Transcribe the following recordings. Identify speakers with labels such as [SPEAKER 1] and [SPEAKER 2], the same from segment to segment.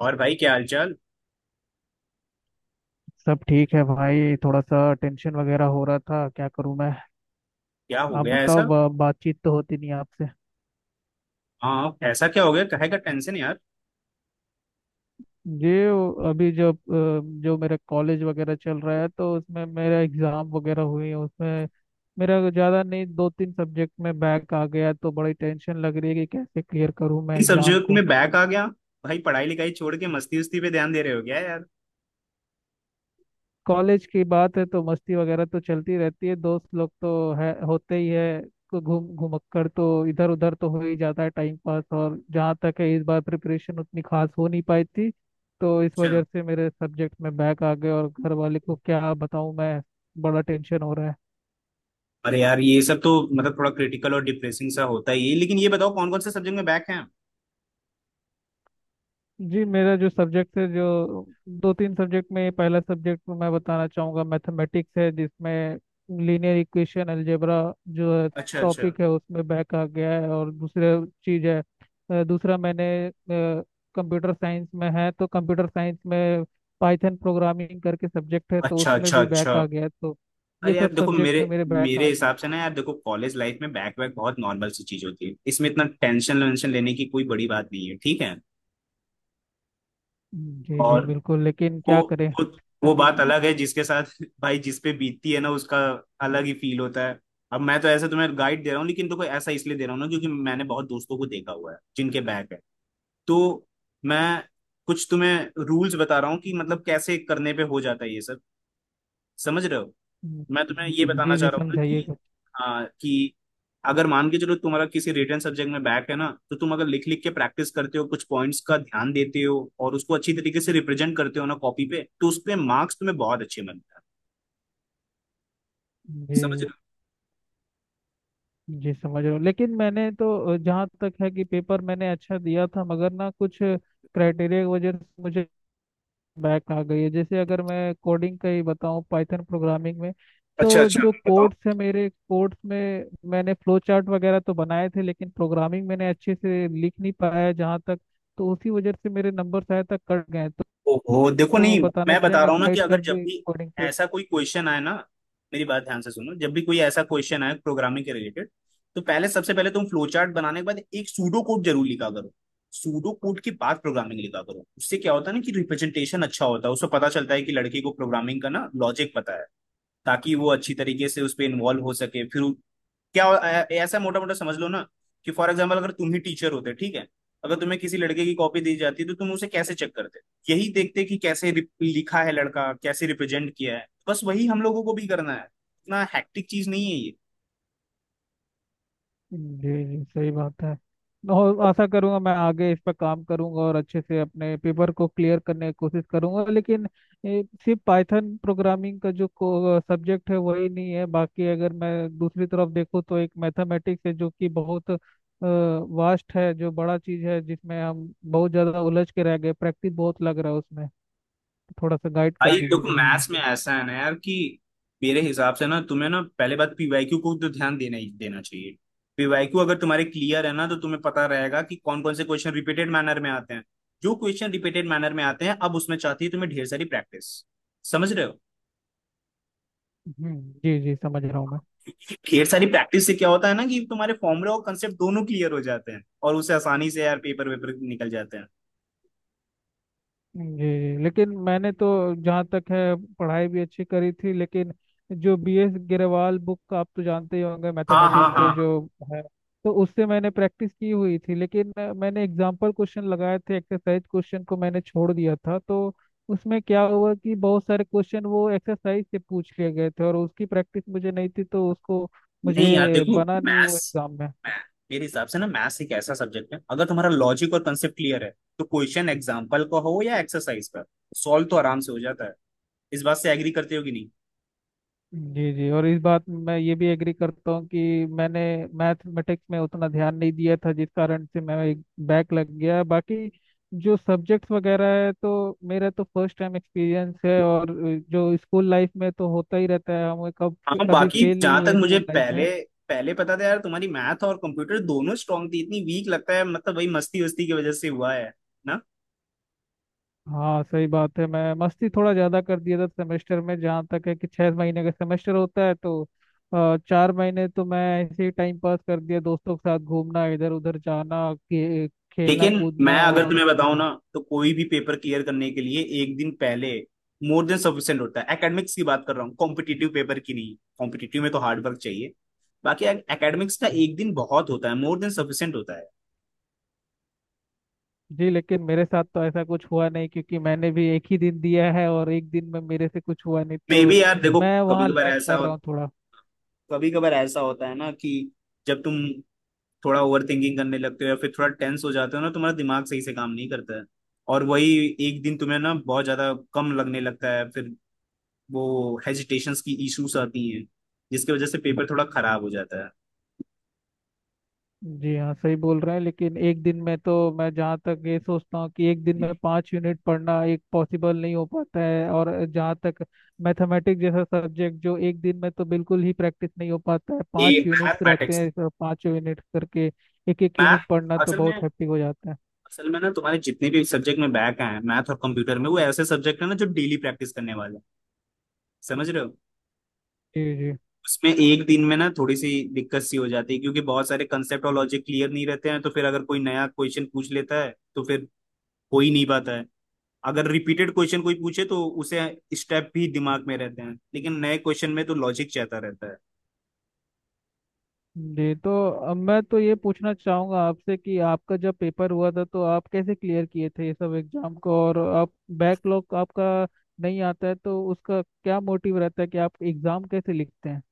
[SPEAKER 1] और भाई, क्या हालचाल?
[SPEAKER 2] सब ठीक है भाई। थोड़ा सा टेंशन वगैरह हो रहा था, क्या करूं मैं।
[SPEAKER 1] क्या हो
[SPEAKER 2] आप
[SPEAKER 1] गया
[SPEAKER 2] बताओ,
[SPEAKER 1] ऐसा?
[SPEAKER 2] बातचीत तो होती नहीं आपसे।
[SPEAKER 1] हाँ, ऐसा क्या हो गया? काहे का टेंशन यार?
[SPEAKER 2] ये अभी जब जो मेरा कॉलेज वगैरह चल रहा है, तो उसमें मेरा एग्जाम वगैरह हुई है, उसमें मेरा ज़्यादा नहीं, दो तीन सब्जेक्ट में बैक आ गया, तो बड़ी टेंशन लग रही है कि कैसे क्लियर करूं मैं
[SPEAKER 1] इस
[SPEAKER 2] एग्जाम
[SPEAKER 1] सब्जेक्ट
[SPEAKER 2] को।
[SPEAKER 1] में बैक आ गया? भाई, पढ़ाई लिखाई छोड़ के मस्ती उस्ती पे ध्यान दे रहे हो क्या यार?
[SPEAKER 2] कॉलेज की बात है तो मस्ती वगैरह तो चलती रहती है, दोस्त लोग तो है, होते ही है। को घूम घुमक्कर तो इधर उधर तो हो ही जाता है टाइम पास। और जहाँ तक है, इस बार प्रिपरेशन उतनी खास हो नहीं पाई थी, तो इस
[SPEAKER 1] अच्छा।
[SPEAKER 2] वजह से मेरे सब्जेक्ट में बैक आ गए। और घर वाले को क्या बताऊँ मैं, बड़ा टेंशन हो रहा है।
[SPEAKER 1] अरे यार, ये सब तो मतलब थोड़ा क्रिटिकल और डिप्रेसिंग सा होता ही है, लेकिन ये बताओ कौन कौन से सब्जेक्ट में बैक हैं?
[SPEAKER 2] जी, मेरा जो सब्जेक्ट है, जो दो तीन सब्जेक्ट में, पहला सब्जेक्ट मैं बताना चाहूँगा मैथमेटिक्स है, जिसमें लीनियर इक्वेशन अलजेब्रा जो है
[SPEAKER 1] अच्छा, अच्छा,
[SPEAKER 2] टॉपिक है, उसमें बैक आ गया है। और दूसरा चीज़ है, दूसरा मैंने कंप्यूटर साइंस में है, तो कंप्यूटर साइंस में पाइथन प्रोग्रामिंग करके सब्जेक्ट है, तो
[SPEAKER 1] अच्छा,
[SPEAKER 2] उसमें
[SPEAKER 1] अच्छा,
[SPEAKER 2] भी
[SPEAKER 1] अच्छा।
[SPEAKER 2] बैक आ गया है। तो ये
[SPEAKER 1] अरे
[SPEAKER 2] सब
[SPEAKER 1] यार देखो,
[SPEAKER 2] सब्जेक्ट
[SPEAKER 1] मेरे
[SPEAKER 2] में मेरे बैक
[SPEAKER 1] मेरे
[SPEAKER 2] आ गया।
[SPEAKER 1] हिसाब से ना यार, देखो कॉलेज लाइफ में बैक बैक बहुत नॉर्मल सी चीज होती है। इसमें इतना टेंशन वेंशन लेने की कोई बड़ी बात नहीं है, ठीक है।
[SPEAKER 2] जी जी
[SPEAKER 1] और
[SPEAKER 2] बिल्कुल, लेकिन
[SPEAKER 1] वो
[SPEAKER 2] क्या करें।
[SPEAKER 1] वो वो
[SPEAKER 2] अभी
[SPEAKER 1] बात अलग है, जिसके साथ भाई जिस पे बीतती है ना, उसका अलग ही फील होता है। अब मैं तो ऐसे तुम्हें गाइड दे रहा हूँ, लेकिन तो कोई ऐसा इसलिए दे रहा हूँ ना क्योंकि मैंने बहुत दोस्तों को देखा हुआ है जिनके बैक है। तो मैं कुछ तुम्हें रूल्स बता रहा हूँ कि मतलब कैसे करने पे हो जाता है ये सब। समझ रहे हो? मैं तुम्हें ये बताना
[SPEAKER 2] जी जी
[SPEAKER 1] चाह रहा हूँ ना,
[SPEAKER 2] समझाइए
[SPEAKER 1] कि
[SPEAKER 2] कुछ।
[SPEAKER 1] हाँ, कि अगर मान के चलो तुम्हारा किसी रिटर्न सब्जेक्ट में बैक है ना, तो तुम अगर लिख लिख के प्रैक्टिस करते हो, कुछ पॉइंट्स का ध्यान देते हो और उसको अच्छी तरीके से रिप्रेजेंट करते हो ना कॉपी पे, तो उस पे मार्क्स तुम्हें बहुत अच्छे मिलते हैं। समझ रहे
[SPEAKER 2] जी
[SPEAKER 1] हो?
[SPEAKER 2] जी, समझ रहा हूँ, लेकिन मैंने तो, जहाँ तक है कि पेपर मैंने अच्छा दिया था, मगर ना कुछ क्राइटेरिया की वजह से मुझे बैक आ गई है। जैसे अगर मैं कोडिंग का ही बताऊँ, पाइथन प्रोग्रामिंग में,
[SPEAKER 1] अच्छा
[SPEAKER 2] तो
[SPEAKER 1] अच्छा,
[SPEAKER 2] जो
[SPEAKER 1] बताओ।
[SPEAKER 2] कोड्स है मेरे कोड्स में, मैंने फ्लो चार्ट वगैरह तो बनाए थे, लेकिन प्रोग्रामिंग मैंने अच्छे से लिख नहीं पाया जहाँ तक। तो उसी वजह से मेरे नंबर शायद तक कट गए हैं। तो
[SPEAKER 1] ओहो देखो,
[SPEAKER 2] वो
[SPEAKER 1] नहीं,
[SPEAKER 2] बताना
[SPEAKER 1] मैं बता
[SPEAKER 2] चाहेंगे,
[SPEAKER 1] रहा हूँ ना कि
[SPEAKER 2] गाइड
[SPEAKER 1] अगर
[SPEAKER 2] कर
[SPEAKER 1] जब
[SPEAKER 2] दे
[SPEAKER 1] भी
[SPEAKER 2] कोडिंग पे।
[SPEAKER 1] ऐसा कोई क्वेश्चन आए ना, मेरी बात ध्यान से सुनो। जब भी कोई ऐसा क्वेश्चन आए प्रोग्रामिंग के रिलेटेड, तो पहले, सबसे पहले तुम फ्लो चार्ट बनाने के बाद एक सूडो कोड जरूर लिखा करो। सूडो कोड के बाद प्रोग्रामिंग लिखा करो। उससे क्या होता है ना कि रिप्रेजेंटेशन अच्छा होता है, उससे पता चलता है कि लड़के को प्रोग्रामिंग का ना लॉजिक पता है, ताकि वो अच्छी तरीके से उस पर इन्वॉल्व हो सके। फिर क्या, ऐसा मोटा मोटा समझ लो ना कि फॉर एग्जाम्पल, अगर तुम ही टीचर होते, ठीक है, अगर तुम्हें किसी लड़के की कॉपी दी जाती तो तुम उसे कैसे चेक करते? यही देखते कि कैसे लिखा है लड़का, कैसे रिप्रेजेंट किया है। बस वही हम लोगों को भी करना है। इतना हैक्टिक चीज नहीं है ये।
[SPEAKER 2] जी जी सही बात है। और आशा करूंगा मैं आगे इस पर काम करूंगा और अच्छे से अपने पेपर को क्लियर करने की कोशिश करूंगा। लेकिन सिर्फ पाइथन प्रोग्रामिंग का जो सब्जेक्ट है वही नहीं है, बाकी अगर मैं दूसरी तरफ देखूँ तो एक मैथमेटिक्स है जो कि बहुत वास्ट है, जो बड़ा चीज है, जिसमें हम बहुत ज्यादा उलझ के रह गए। प्रैक्टिस बहुत लग रहा है उसमें, थोड़ा सा गाइड कर
[SPEAKER 1] भाई देखो,
[SPEAKER 2] दीजिए।
[SPEAKER 1] मैथ्स में ऐसा है ना यार, कि मेरे हिसाब से ना, तुम्हें ना पहले बात पीवाईक्यू को तो ध्यान देना ही देना चाहिए। पीवाईक्यू अगर तुम्हारे क्लियर है ना, तो तुम्हें पता रहेगा कि कौन कौन से क्वेश्चन रिपीटेड मैनर में आते हैं। जो क्वेश्चन रिपीटेड मैनर में आते हैं, अब उसमें चाहती है तुम्हें ढेर सारी प्रैक्टिस। समझ रहे हो?
[SPEAKER 2] हम्म, जी जी समझ रहा हूँ मैं।
[SPEAKER 1] ढेर सारी प्रैक्टिस से क्या होता है ना कि तुम्हारे फॉर्मूला और कंसेप्ट दोनों क्लियर हो जाते हैं, और उससे आसानी से यार पेपर वेपर निकल जाते हैं।
[SPEAKER 2] जी लेकिन मैंने तो जहाँ तक है पढ़ाई भी अच्छी करी थी लेकिन, जो बी एस गिरवाल बुक का आप तो जानते ही होंगे
[SPEAKER 1] हाँ हाँ
[SPEAKER 2] मैथमेटिक्स के
[SPEAKER 1] हाँ।
[SPEAKER 2] जो है, तो उससे मैंने प्रैक्टिस की हुई थी। लेकिन मैंने एग्जाम्पल क्वेश्चन लगाए थे, एक्सरसाइज क्वेश्चन को मैंने छोड़ दिया था। तो उसमें क्या हुआ कि बहुत सारे क्वेश्चन वो एक्सरसाइज से पूछ लिए गए थे और उसकी प्रैक्टिस मुझे नहीं थी, तो उसको
[SPEAKER 1] नहीं यार,
[SPEAKER 2] मुझे
[SPEAKER 1] देखो
[SPEAKER 2] बना नहीं वो
[SPEAKER 1] मैथ्स,
[SPEAKER 2] एग्जाम में।
[SPEAKER 1] मेरे हिसाब से ना मैथ्स एक ऐसा सब्जेक्ट है, अगर तुम्हारा लॉजिक और कंसेप्ट क्लियर है, तो क्वेश्चन एग्जाम्पल का हो या एक्सरसाइज का, सॉल्व तो आराम से हो जाता है। इस बात से एग्री करते हो कि नहीं?
[SPEAKER 2] जी जी, और इस बात में मैं ये भी एग्री करता हूँ कि मैंने मैथमेटिक्स में उतना ध्यान नहीं दिया था, जिस कारण से मैं एक बैक लग गया। बाकी जो सब्जेक्ट्स वगैरह है, तो मेरा तो फर्स्ट टाइम एक्सपीरियंस है। और जो स्कूल लाइफ में तो होता ही रहता है, हम कब
[SPEAKER 1] हाँ,
[SPEAKER 2] कभी
[SPEAKER 1] बाकी
[SPEAKER 2] फेल नहीं
[SPEAKER 1] जहां तक
[SPEAKER 2] हुए
[SPEAKER 1] मुझे
[SPEAKER 2] स्कूल लाइफ में।
[SPEAKER 1] पहले, पहले पता था यार, तुम्हारी मैथ और कंप्यूटर दोनों स्ट्रांग थी, इतनी वीक लगता है, मतलब वही मस्ती वस्ती की वजह से हुआ है ना।
[SPEAKER 2] हाँ सही बात है, मैं मस्ती थोड़ा ज्यादा कर दिया था सेमेस्टर में। जहाँ तक है कि 6 महीने का सेमेस्टर होता है, तो 4 महीने तो मैं ऐसे ही टाइम पास कर दिया, दोस्तों के साथ घूमना, इधर उधर जाना, खेलना
[SPEAKER 1] लेकिन मैं
[SPEAKER 2] कूदना
[SPEAKER 1] अगर
[SPEAKER 2] और।
[SPEAKER 1] तुम्हें बताऊं ना, तो कोई भी पेपर क्लियर करने के लिए एक दिन पहले मोर देन सफिशिएंट होता है। एकेडमिक्स की बात कर रहा हूँ, कॉम्पिटिटिव पेपर की नहीं। कॉम्पिटिटिव में तो हार्ड वर्क चाहिए, बाकी एकेडमिक्स का एक दिन बहुत होता है, मोर देन सफिशिएंट होता है।
[SPEAKER 2] जी लेकिन मेरे साथ तो ऐसा कुछ हुआ नहीं, क्योंकि मैंने भी एक ही दिन दिया है और एक दिन में मेरे से कुछ हुआ नहीं,
[SPEAKER 1] मे
[SPEAKER 2] तो
[SPEAKER 1] बी यार, देखो
[SPEAKER 2] मैं
[SPEAKER 1] कभी
[SPEAKER 2] वहाँ
[SPEAKER 1] कभार
[SPEAKER 2] लैग
[SPEAKER 1] ऐसा
[SPEAKER 2] कर
[SPEAKER 1] हो,
[SPEAKER 2] रहा हूँ थोड़ा।
[SPEAKER 1] कभी कभार ऐसा होता है ना कि जब तुम थोड़ा ओवर थिंकिंग करने लगते हो या फिर थोड़ा टेंस हो जाते हो ना, तुम्हारा दिमाग सही से काम नहीं करता है, और वही एक दिन तुम्हें ना बहुत ज्यादा कम लगने लगता है। फिर वो हेजिटेशंस की इश्यूज आती हैं, जिसकी वजह से पेपर थोड़ा खराब हो जाता है।
[SPEAKER 2] जी हाँ सही बोल रहे हैं, लेकिन एक दिन में तो मैं जहाँ तक ये सोचता हूँ कि एक दिन में 5 यूनिट पढ़ना एक पॉसिबल नहीं हो पाता है। और जहाँ तक मैथमेटिक्स जैसा सब्जेक्ट, जो एक दिन में तो बिल्कुल ही प्रैक्टिस नहीं हो पाता है,
[SPEAKER 1] ये
[SPEAKER 2] 5 यूनिट्स रहते
[SPEAKER 1] मैथमेटिक्स
[SPEAKER 2] हैं, पाँचों यूनिट करके एक एक यूनिट
[SPEAKER 1] मैथ,
[SPEAKER 2] पढ़ना तो
[SPEAKER 1] असल में
[SPEAKER 2] बहुत हैप्पी हो जाता है।
[SPEAKER 1] असल में ना तुम्हारे जितने भी सब्जेक्ट में बैक हैं, मैथ और कंप्यूटर में, वो ऐसे सब्जेक्ट है ना जो डेली प्रैक्टिस करने वाले हैं। समझ रहे हो?
[SPEAKER 2] जी जी
[SPEAKER 1] उसमें एक दिन में ना थोड़ी सी दिक्कत सी हो जाती है, क्योंकि बहुत सारे कंसेप्ट और लॉजिक क्लियर नहीं रहते हैं, तो फिर अगर कोई नया क्वेश्चन पूछ लेता है तो फिर हो ही नहीं पाता है। अगर रिपीटेड क्वेश्चन कोई पूछे, तो उसे स्टेप भी दिमाग में रहते हैं, लेकिन नए क्वेश्चन में तो लॉजिक चाहता रहता है।
[SPEAKER 2] जी। तो अब मैं तो ये पूछना चाहूंगा आपसे कि आपका जब पेपर हुआ था तो आप कैसे क्लियर किए थे ये सब एग्जाम को, और आप बैकलॉग आपका नहीं आता है, तो उसका क्या मोटिव रहता है कि आप एग्जाम कैसे लिखते हैं।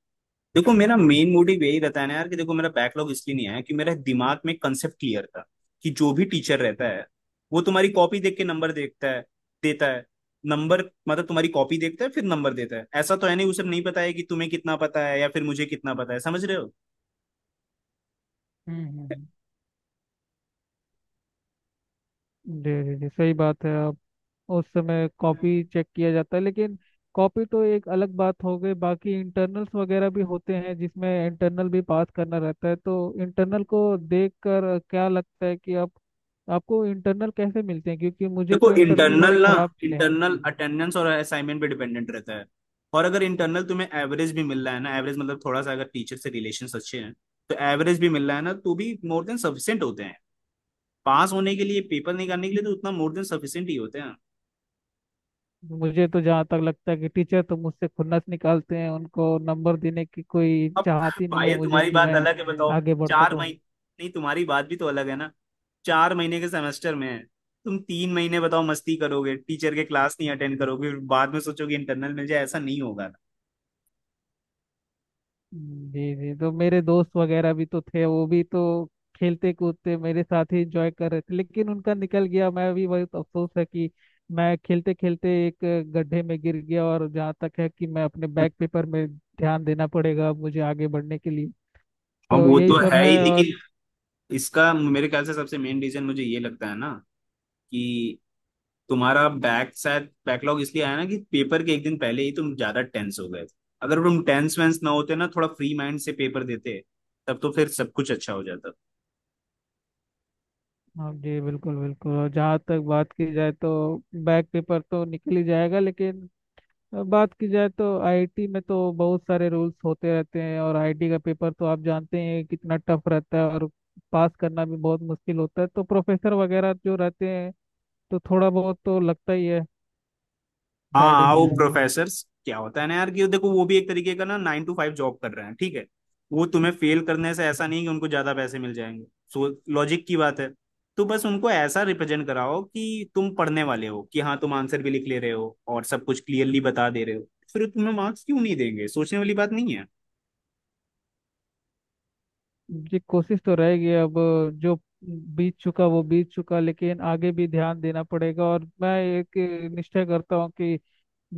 [SPEAKER 1] देखो, मेरा मेन मोटिव यही रहता है ना यार, कि देखो मेरा बैकलॉग इसलिए नहीं आया कि मेरे दिमाग में कंसेप्ट क्लियर था, कि जो भी टीचर रहता है, वो तुम्हारी कॉपी देख के नंबर देखता है, देता है नंबर। मतलब तुम्हारी कॉपी देखता है फिर नंबर देता है, ऐसा तो है नहीं। उसे नहीं पता है कि तुम्हें कितना पता है या फिर मुझे कितना पता है। समझ रहे हो?
[SPEAKER 2] हम्म हम्म, हम्म। जी जी जी सही बात है। उस समय कॉपी चेक किया जाता है, लेकिन कॉपी तो एक अलग बात हो गई, बाकी इंटरनल्स वगैरह भी होते हैं जिसमें इंटरनल भी पास करना रहता है। तो इंटरनल को देखकर क्या लगता है कि आप, आपको इंटरनल कैसे मिलते हैं, क्योंकि मुझे तो
[SPEAKER 1] देखो
[SPEAKER 2] इंटरनल
[SPEAKER 1] इंटरनल
[SPEAKER 2] बड़े
[SPEAKER 1] ना,
[SPEAKER 2] खराब मिले हैं।
[SPEAKER 1] इंटरनल अटेंडेंस और असाइनमेंट पे डिपेंडेंट रहता है, और अगर इंटरनल तुम्हें एवरेज भी मिल रहा है ना, एवरेज मतलब थोड़ा सा अगर टीचर से रिलेशन अच्छे हैं, तो एवरेज भी मिल रहा है ना, तो भी मोर देन सफिशियंट होते हैं। पास होने के लिए, पेपर निकालने के लिए तो उतना मोर देन सफिशिएंट ही होते हैं।
[SPEAKER 2] मुझे तो जहाँ तक लगता है कि टीचर तो मुझसे खुन्नस निकालते हैं, उनको नंबर देने की कोई
[SPEAKER 1] अब
[SPEAKER 2] चाहत ही नहीं
[SPEAKER 1] भाई,
[SPEAKER 2] है मुझे
[SPEAKER 1] तुम्हारी
[SPEAKER 2] कि
[SPEAKER 1] बात
[SPEAKER 2] मैं
[SPEAKER 1] अलग है, बताओ।
[SPEAKER 2] आगे बढ़
[SPEAKER 1] चार
[SPEAKER 2] सकूं।
[SPEAKER 1] महीने, नहीं तुम्हारी बात भी तो अलग है ना। चार महीने के सेमेस्टर में है, तुम तीन महीने बताओ मस्ती करोगे, टीचर के क्लास नहीं अटेंड करोगे, फिर बाद में सोचोगे इंटरनल मिल जाए, ऐसा नहीं होगा।
[SPEAKER 2] जी जी, तो मेरे दोस्त वगैरह भी तो थे, वो भी तो खेलते कूदते मेरे साथ ही एंजॉय कर रहे थे, लेकिन उनका निकल गया। मैं भी बहुत अफसोस है कि मैं खेलते खेलते एक गड्ढे में गिर गया। और जहाँ तक है कि मैं अपने बैक पेपर में ध्यान देना पड़ेगा मुझे आगे बढ़ने के लिए।
[SPEAKER 1] अब
[SPEAKER 2] तो
[SPEAKER 1] वो
[SPEAKER 2] यही
[SPEAKER 1] तो
[SPEAKER 2] सब
[SPEAKER 1] है
[SPEAKER 2] है।
[SPEAKER 1] ही,
[SPEAKER 2] और
[SPEAKER 1] लेकिन इसका मेरे ख्याल से सबसे मेन रीजन मुझे ये लगता है ना कि तुम्हारा बैक शायद बैकलॉग इसलिए आया ना कि पेपर के एक दिन पहले ही तुम ज्यादा टेंस हो गए थे। अगर तुम टेंस वेंस ना होते ना, थोड़ा फ्री माइंड से पेपर देते, तब तो फिर सब कुछ अच्छा हो जाता।
[SPEAKER 2] हाँ जी, बिल्कुल बिल्कुल। और जहाँ तक बात की जाए तो बैक पेपर तो निकल ही जाएगा, लेकिन अब बात की जाए तो आईआईटी में तो बहुत सारे रूल्स होते रहते हैं, और आईआईटी का पेपर तो आप जानते हैं कितना टफ रहता है और पास करना भी बहुत मुश्किल होता है। तो प्रोफेसर वगैरह जो रहते हैं, तो थोड़ा बहुत तो लगता ही है
[SPEAKER 1] हाँ हाँ, वो
[SPEAKER 2] गाइडेंस।
[SPEAKER 1] प्रोफेसर्स क्या होता है ना यार, कि देखो वो भी एक तरीके का ना नाइन टू फाइव जॉब कर रहे हैं, ठीक है। वो तुम्हें फेल करने से ऐसा नहीं कि उनको ज्यादा पैसे मिल जाएंगे। सो लॉजिक की बात है। तो बस उनको ऐसा रिप्रेजेंट कराओ कि तुम पढ़ने वाले हो, कि हाँ तुम आंसर भी लिख ले रहे हो और सब कुछ क्लियरली बता दे रहे हो, फिर तुम्हें मार्क्स क्यों नहीं देंगे? सोचने वाली बात नहीं है।
[SPEAKER 2] जी कोशिश तो रहेगी। अब जो बीत चुका वो बीत चुका, लेकिन आगे भी ध्यान देना पड़ेगा। और मैं एक निश्चय करता हूँ कि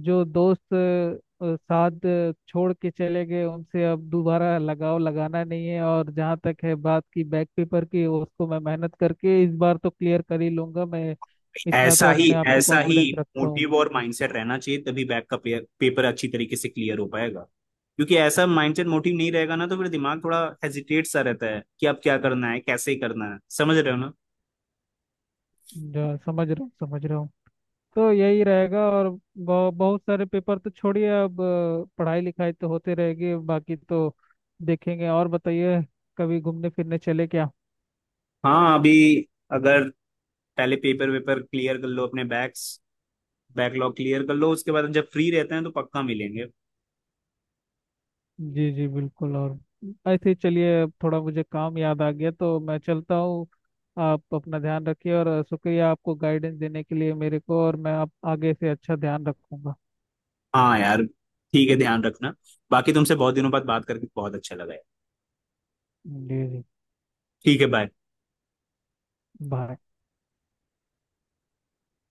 [SPEAKER 2] जो दोस्त साथ छोड़ के चले गए उनसे अब दोबारा लगाव लगाना नहीं है। और जहाँ तक है बात की बैक पेपर की, उसको मैं मेहनत करके इस बार तो क्लियर कर ही लूंगा। मैं इतना तो
[SPEAKER 1] ऐसा ही,
[SPEAKER 2] अपने आप को
[SPEAKER 1] ऐसा ही
[SPEAKER 2] कॉन्फिडेंस रखता हूँ।
[SPEAKER 1] मोटिव और माइंडसेट रहना चाहिए, तभी बैक का पेपर अच्छी तरीके से क्लियर हो पाएगा। क्योंकि ऐसा माइंडसेट मोटिव नहीं रहेगा ना, तो फिर दिमाग थोड़ा हेजिटेट सा रहता है कि अब क्या करना है, कैसे करना है। समझ रहे हो ना?
[SPEAKER 2] जो समझ रहा हूँ समझ रहा हूँ। तो यही रहेगा। और बहुत सारे पेपर तो छोड़िए। अब पढ़ाई लिखाई तो होते रहेगी, बाकी तो देखेंगे। और बताइए कभी घूमने फिरने चले क्या।
[SPEAKER 1] हाँ अभी, अगर पहले पेपर वेपर क्लियर कर लो, अपने बैक्स बैकलॉग क्लियर कर लो, उसके बाद जब फ्री रहते हैं तो पक्का मिलेंगे।
[SPEAKER 2] जी जी बिल्कुल। और ऐसे ही चलिए, अब थोड़ा मुझे काम याद आ गया तो मैं चलता हूँ। आप अपना ध्यान रखिए, और शुक्रिया आपको गाइडेंस देने के लिए मेरे को, और मैं आप आगे से अच्छा ध्यान रखूंगा।
[SPEAKER 1] हाँ यार, ठीक है ध्यान रखना। बाकी तुमसे बहुत दिनों बाद बात करके बहुत अच्छा लगा यार।
[SPEAKER 2] जी जी।
[SPEAKER 1] ठीक है, बाय।
[SPEAKER 2] बाय।